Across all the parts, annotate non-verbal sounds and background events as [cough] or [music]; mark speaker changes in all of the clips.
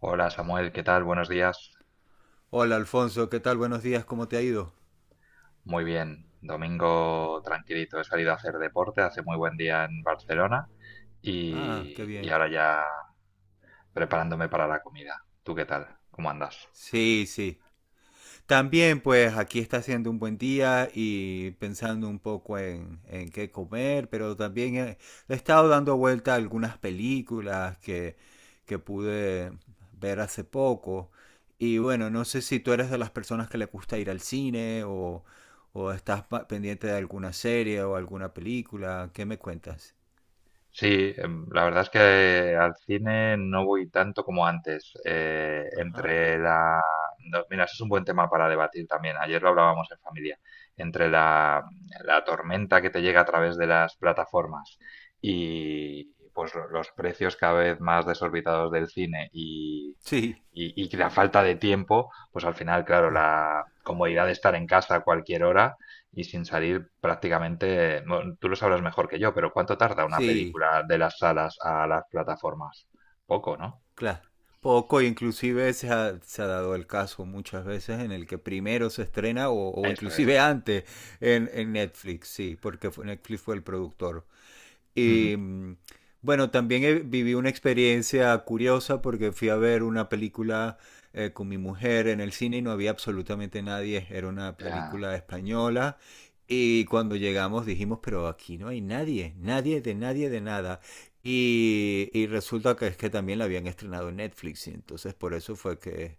Speaker 1: Hola Samuel, ¿qué tal? Buenos días.
Speaker 2: Hola Alfonso, ¿qué tal? Buenos días, ¿cómo te ha ido?
Speaker 1: Muy bien, domingo tranquilito. He salido a hacer deporte, hace muy buen día en Barcelona
Speaker 2: Ah, qué
Speaker 1: y
Speaker 2: bien.
Speaker 1: ahora ya preparándome para la comida. ¿Tú qué tal? ¿Cómo andas?
Speaker 2: Sí, sí. También pues aquí está haciendo un buen día y pensando un poco en qué comer, pero también he estado dando vuelta a algunas películas que pude ver hace poco. Y bueno, no sé si tú eres de las personas que le gusta ir al cine o estás pendiente de alguna serie o alguna película. ¿Qué me cuentas?
Speaker 1: Sí, la verdad es que al cine no voy tanto como antes.
Speaker 2: Ajá.
Speaker 1: Entre no, mira, eso es un buen tema para debatir también. Ayer lo hablábamos en familia. Entre la tormenta que te llega a través de las plataformas y pues los precios cada vez más desorbitados del cine
Speaker 2: Sí.
Speaker 1: y la falta de tiempo, pues al final, claro,
Speaker 2: Ah.
Speaker 1: la comodidad de estar en casa a cualquier hora y sin salir prácticamente, bueno, tú lo sabrás mejor que yo, pero ¿cuánto tarda una
Speaker 2: Sí.
Speaker 1: película de las salas a las plataformas? Poco, ¿no?
Speaker 2: Claro. Poco, inclusive se ha dado el caso muchas veces en el que primero se estrena o
Speaker 1: Eso es.
Speaker 2: inclusive antes en Netflix, sí, porque Netflix fue el productor.
Speaker 1: Ujú.
Speaker 2: Y bueno, también viví una experiencia curiosa porque fui a ver una película con mi mujer en el cine y no había absolutamente nadie. Era una
Speaker 1: Ya,
Speaker 2: película española. Y cuando llegamos dijimos, pero aquí no hay nadie, nadie de nadie de nada. Y resulta que es que también la habían estrenado en Netflix. Y entonces por eso fue que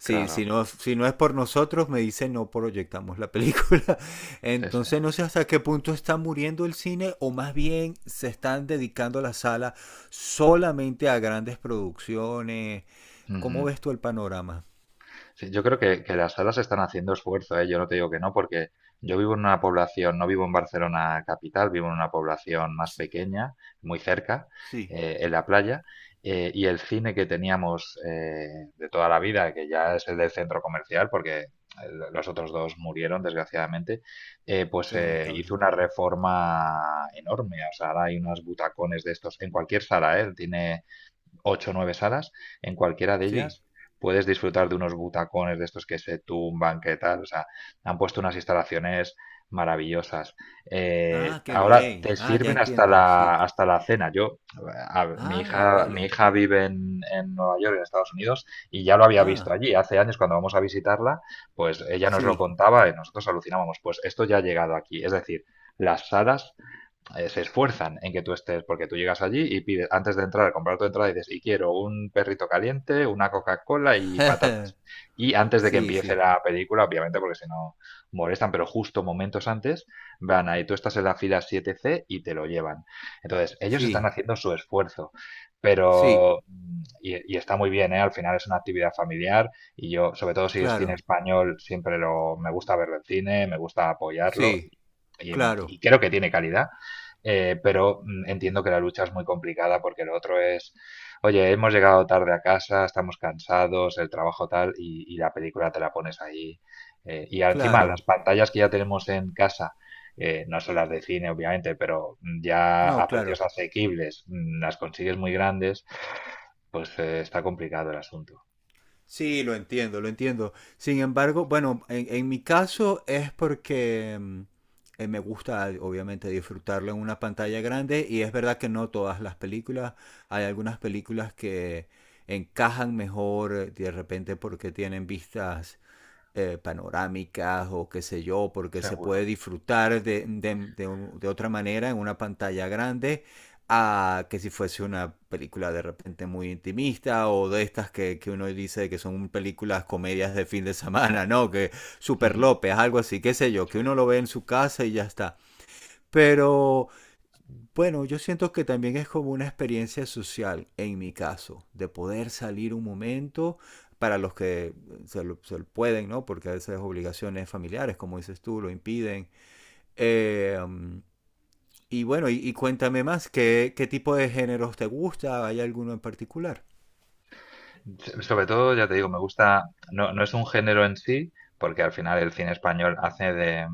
Speaker 2: sí, si
Speaker 1: claro.
Speaker 2: no, si no es por nosotros, me dice no proyectamos la película. [laughs]
Speaker 1: Sí, sí.
Speaker 2: Entonces no sé hasta qué punto está muriendo el cine o más bien se están dedicando a la sala solamente a grandes producciones. ¿Cómo
Speaker 1: Ujú.
Speaker 2: ves tú el panorama?
Speaker 1: Sí, yo creo que las salas están haciendo esfuerzo, ¿eh? Yo no te digo que no, porque yo vivo en una población, no vivo en Barcelona capital, vivo en una población más
Speaker 2: S-
Speaker 1: pequeña, muy cerca,
Speaker 2: Sí,
Speaker 1: en la playa, y el cine que teníamos de toda la vida, que ya es el del centro comercial, porque los otros dos murieron, desgraciadamente, eh, pues
Speaker 2: qué
Speaker 1: eh,
Speaker 2: lamentable.
Speaker 1: hizo una reforma enorme. O sea, ahora hay unos butacones de estos en cualquier sala, ¿eh? Tiene ocho o nueve salas, en cualquiera de
Speaker 2: Sí.
Speaker 1: ellas puedes disfrutar de unos butacones de estos que se tumban, que tal, o sea, han puesto unas instalaciones maravillosas.
Speaker 2: Ah, qué
Speaker 1: Ahora
Speaker 2: bien.
Speaker 1: te
Speaker 2: Ah, ya
Speaker 1: sirven hasta
Speaker 2: entiendo. Sí.
Speaker 1: hasta la cena. Yo,
Speaker 2: Ah,
Speaker 1: mi
Speaker 2: vale.
Speaker 1: hija vive en Nueva York, en Estados Unidos, y ya lo había visto
Speaker 2: Ah,
Speaker 1: allí. Hace años, cuando vamos a visitarla, pues ella nos lo
Speaker 2: sí.
Speaker 1: contaba y nosotros alucinábamos. Pues esto ya ha llegado aquí. Es decir, las salas se esfuerzan en que tú estés, porque tú llegas allí y pides, antes de entrar, comprar tu entrada y dices, y quiero un perrito caliente, una Coca-Cola y
Speaker 2: [laughs]
Speaker 1: patatas. Y antes de que
Speaker 2: Sí,
Speaker 1: empiece
Speaker 2: sí.
Speaker 1: la película, obviamente, porque si no molestan, pero justo momentos antes, van ahí, tú estás en la fila 7C y te lo llevan. Entonces, ellos están
Speaker 2: Sí.
Speaker 1: haciendo su esfuerzo,
Speaker 2: Sí.
Speaker 1: pero, y está muy bien, ¿eh? Al final es una actividad familiar y yo, sobre todo si es cine
Speaker 2: Claro.
Speaker 1: español, siempre me gusta verlo en cine, me gusta apoyarlo
Speaker 2: Sí.
Speaker 1: y,
Speaker 2: Claro.
Speaker 1: y creo que tiene calidad. Pero entiendo que la lucha es muy complicada porque lo otro es, oye, hemos llegado tarde a casa, estamos cansados, el trabajo tal, y la película te la pones ahí. Y encima las
Speaker 2: Claro.
Speaker 1: pantallas que ya tenemos en casa, no son las de cine obviamente, pero ya
Speaker 2: No,
Speaker 1: a
Speaker 2: claro.
Speaker 1: precios asequibles las consigues muy grandes, pues está complicado el asunto.
Speaker 2: Sí, lo entiendo, lo entiendo. Sin embargo, bueno, en mi caso es porque me gusta obviamente disfrutarlo en una pantalla grande y es verdad que no todas las películas, hay algunas películas que encajan mejor de repente porque tienen vistas panorámicas o qué sé yo, porque se
Speaker 1: Seguro.
Speaker 2: puede disfrutar de otra manera en una pantalla grande a que si fuese una película de repente muy intimista o de estas que uno dice que son películas comedias de fin de semana, ¿no? Que Super
Speaker 1: Ujú.
Speaker 2: López, algo así, qué sé yo, que
Speaker 1: Sí.
Speaker 2: uno lo ve en su casa y ya está. Pero... Bueno, yo siento que también es como una experiencia social, en mi caso, de poder salir un momento para los que se lo pueden, ¿no? Porque a veces obligaciones familiares, como dices tú, lo impiden. Eh, y bueno, y cuéntame más, qué tipo de géneros te gusta? ¿Hay alguno en particular?
Speaker 1: Sobre todo, ya te digo, no, no es un género en sí, porque al final el cine español hace de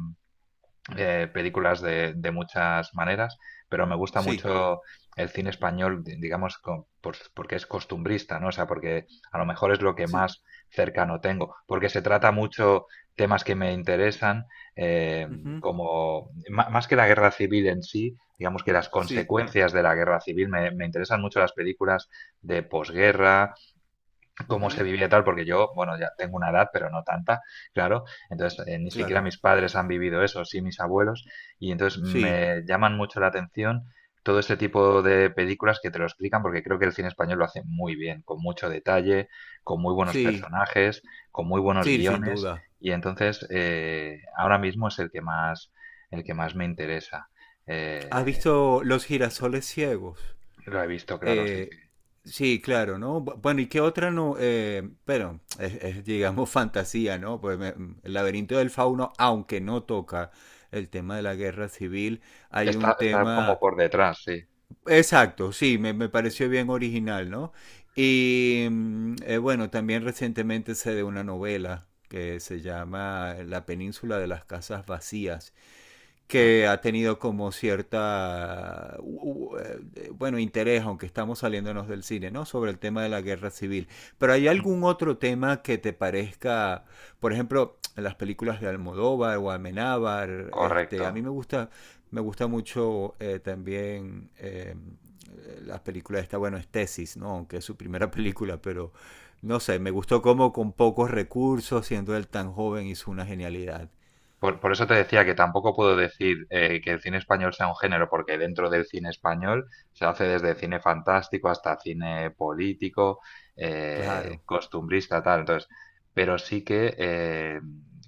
Speaker 1: películas de muchas maneras, pero me gusta
Speaker 2: Sí,
Speaker 1: mucho el cine español, porque es costumbrista, ¿no? O sea, porque a lo mejor es lo que
Speaker 2: sí,
Speaker 1: más cercano tengo, porque se trata mucho temas que me interesan, eh,
Speaker 2: ujú,
Speaker 1: como más que la guerra civil en sí, digamos que las
Speaker 2: sí,
Speaker 1: consecuencias de la guerra civil, me interesan mucho las películas de posguerra cómo se
Speaker 2: ujú,
Speaker 1: vivía tal, porque yo, bueno, ya tengo una edad, pero no tanta, claro, entonces ni siquiera
Speaker 2: claro,
Speaker 1: mis padres han vivido eso, sí mis abuelos, y entonces
Speaker 2: sí,
Speaker 1: me llaman mucho la atención todo este tipo de películas que te lo explican, porque creo que el cine español lo hace muy bien, con mucho detalle, con muy buenos
Speaker 2: sí,
Speaker 1: personajes, con muy buenos
Speaker 2: sí, sin
Speaker 1: guiones,
Speaker 2: duda.
Speaker 1: y entonces ahora mismo es el que más me interesa.
Speaker 2: ¿Has
Speaker 1: Eh,
Speaker 2: visto Los girasoles ciegos?
Speaker 1: lo he visto, claro, sí,
Speaker 2: Eh,
Speaker 1: sí.
Speaker 2: sí, claro, ¿no? Bueno, ¿y qué otra no? Pero es, digamos, [laughs] fantasía, ¿no? Pues el laberinto del fauno, aunque no toca el tema de la guerra civil, hay
Speaker 1: Está,
Speaker 2: un
Speaker 1: está como
Speaker 2: tema...
Speaker 1: por detrás, sí.
Speaker 2: Exacto, sí, me
Speaker 1: Sí.
Speaker 2: pareció bien original, ¿no? Y bueno, también recientemente sé de una novela que se llama La península de las casas vacías
Speaker 1: Ah,
Speaker 2: que ha tenido como cierta, bueno, interés, aunque estamos saliéndonos del cine, ¿no? Sobre el tema de la guerra civil. Pero ¿hay
Speaker 1: ujú.
Speaker 2: algún otro tema que te parezca, por ejemplo, las películas de Almodóvar o Amenábar?
Speaker 1: Correcto.
Speaker 2: Este, a mí me gusta mucho también las películas esta, bueno, es Tesis, ¿no? Aunque es su primera [laughs] película, pero no sé, me gustó como con pocos recursos, siendo él tan joven, hizo una genialidad.
Speaker 1: Por eso te decía que tampoco puedo decir que el cine español sea un género, porque dentro del cine español se hace desde cine fantástico hasta cine político,
Speaker 2: Claro,
Speaker 1: costumbrista, tal. Entonces, pero sí que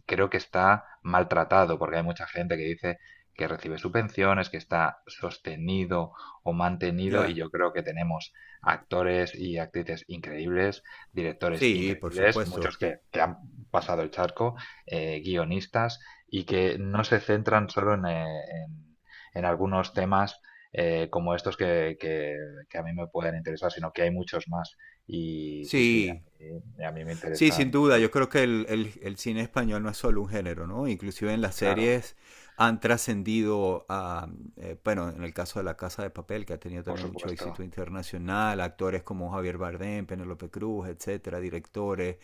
Speaker 1: creo que está maltratado, porque hay mucha gente que dice que recibe subvenciones, que está sostenido o mantenido, y
Speaker 2: ya.
Speaker 1: yo creo que tenemos actores y actrices increíbles, directores
Speaker 2: Sí, por
Speaker 1: increíbles,
Speaker 2: supuesto.
Speaker 1: muchos que han pasado el charco, guionistas y que no se centran solo en en algunos temas como estos que a mí me pueden interesar, sino que hay muchos más. Y sí, sí,
Speaker 2: Sí,
Speaker 1: a mí me
Speaker 2: sí,
Speaker 1: interesan,
Speaker 2: sin duda. Yo creo que el cine español no es solo un género, ¿no? Inclusive en las
Speaker 1: claro,
Speaker 2: series han trascendido a, bueno, en el caso de La Casa de Papel, que ha tenido
Speaker 1: por
Speaker 2: también mucho
Speaker 1: supuesto.
Speaker 2: éxito internacional, actores como Javier Bardem, Penélope Cruz, etcétera, directores.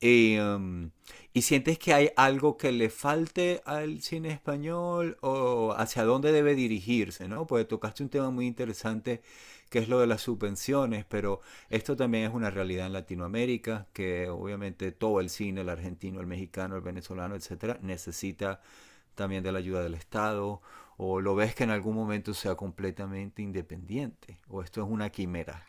Speaker 2: Y, ¿y sientes que hay algo que le falte al cine español o hacia dónde debe dirigirse, ¿no? Porque tocaste un tema muy interesante que es lo de las subvenciones, pero esto también es una realidad en Latinoamérica, que obviamente todo el cine, el argentino, el mexicano, el venezolano, etcétera, necesita también de la ayuda del Estado, o lo ves que en algún momento sea completamente independiente, o esto es una quimera.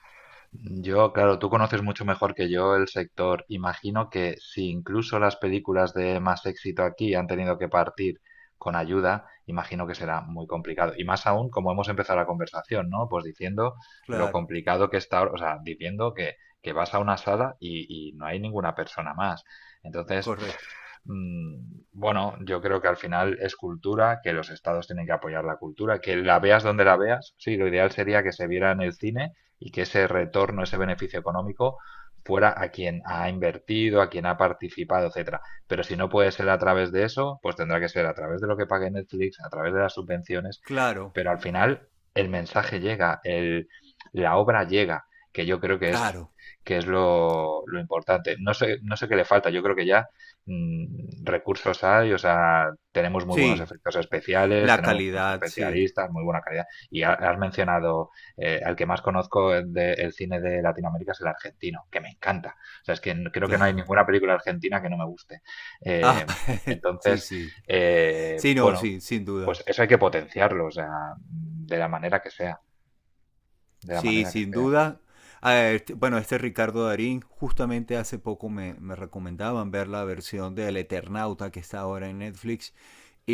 Speaker 1: Yo, claro, tú conoces mucho mejor que yo el sector. Imagino que si incluso las películas de más éxito aquí han tenido que partir con ayuda, imagino que será muy complicado. Y más aún, como hemos empezado la conversación, ¿no? Pues diciendo lo
Speaker 2: Claro,
Speaker 1: complicado que está, o sea, diciendo que vas a una sala y no hay ninguna persona más. Entonces,
Speaker 2: correcto.
Speaker 1: mm, bueno, yo creo que al final es cultura, que los estados tienen que apoyar la cultura, que la veas donde la veas. Sí, lo ideal sería que se viera en el cine y que ese retorno, ese beneficio económico fuera a quien ha invertido, a quien ha participado, etcétera. Pero si no puede ser a través de eso, pues tendrá que ser a través de lo que pague Netflix, a través de las subvenciones,
Speaker 2: Claro,
Speaker 1: pero al final el mensaje llega, la obra llega, que yo creo
Speaker 2: claro.
Speaker 1: que es lo importante. No sé, no sé qué le falta, yo creo que ya recursos hay, o sea, tenemos muy buenos
Speaker 2: Sí,
Speaker 1: efectos especiales,
Speaker 2: la
Speaker 1: tenemos buenos
Speaker 2: calidad, sí,
Speaker 1: especialistas, muy buena calidad. Y has mencionado el que más conozco del cine de Latinoamérica es el argentino, que me encanta. O sea, creo que no hay
Speaker 2: claro.
Speaker 1: ninguna película argentina que no me guste.
Speaker 2: Ah,
Speaker 1: Eh,
Speaker 2: [laughs] sí,
Speaker 1: entonces,
Speaker 2: sí.
Speaker 1: eh,
Speaker 2: Sí, no,
Speaker 1: bueno,
Speaker 2: sí, sin duda.
Speaker 1: pues eso hay que potenciarlo, o sea, de la manera que sea, de la
Speaker 2: Sí,
Speaker 1: manera que
Speaker 2: sin
Speaker 1: sea, sí, sí.
Speaker 2: duda. A ver, bueno, este Ricardo Darín, justamente hace poco me recomendaban ver la versión del Eternauta que está ahora en Netflix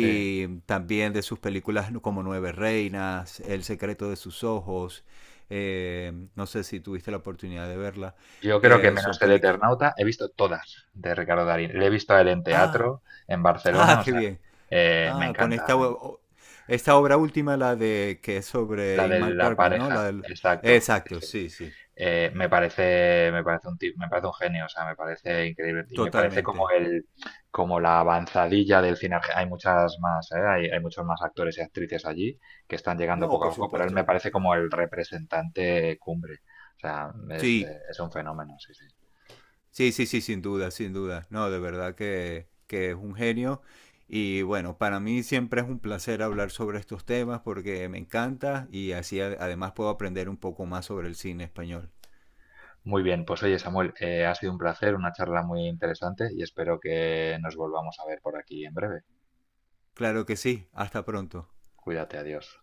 Speaker 1: Sí.
Speaker 2: también de sus películas como Nueve Reinas, El secreto de sus ojos. No sé si tuviste la oportunidad de verla.
Speaker 1: Yo creo que menos
Speaker 2: Son
Speaker 1: el
Speaker 2: películas.
Speaker 1: Eternauta he visto todas de Ricardo Darín. Le he visto a él en
Speaker 2: Ah,
Speaker 1: teatro, en
Speaker 2: ah,
Speaker 1: Barcelona, o
Speaker 2: qué
Speaker 1: sea,
Speaker 2: bien.
Speaker 1: eh, me
Speaker 2: Ah, con
Speaker 1: encanta.
Speaker 2: esta,
Speaker 1: me-
Speaker 2: esta obra última, la de que es sobre
Speaker 1: La de
Speaker 2: Ingmar
Speaker 1: la
Speaker 2: Bergman, ¿no?
Speaker 1: pareja,
Speaker 2: La del...
Speaker 1: exacto.
Speaker 2: Exacto, sí, sí,
Speaker 1: Me parece un genio, o sea, me parece increíble. Y me parece como
Speaker 2: totalmente.
Speaker 1: como la avanzadilla del cine. Hay muchas más, ¿eh? Hay muchos más actores y actrices allí que están llegando
Speaker 2: No,
Speaker 1: poco a
Speaker 2: por
Speaker 1: poco, pero él me
Speaker 2: supuesto.
Speaker 1: parece como el representante cumbre. O sea,
Speaker 2: Sí,
Speaker 1: es un fenómeno, sí, sí.
Speaker 2: sí, sí, sí, sin duda, sin duda. No, de verdad que es un genio. Y bueno, para mí siempre es un placer hablar sobre estos temas porque me encanta y así además puedo aprender un poco más sobre el cine español.
Speaker 1: Muy bien, pues oye, Samuel, ha sido un placer, una charla muy interesante y espero que nos volvamos a ver por aquí en breve.
Speaker 2: Claro que sí, hasta pronto.
Speaker 1: Cuídate, adiós.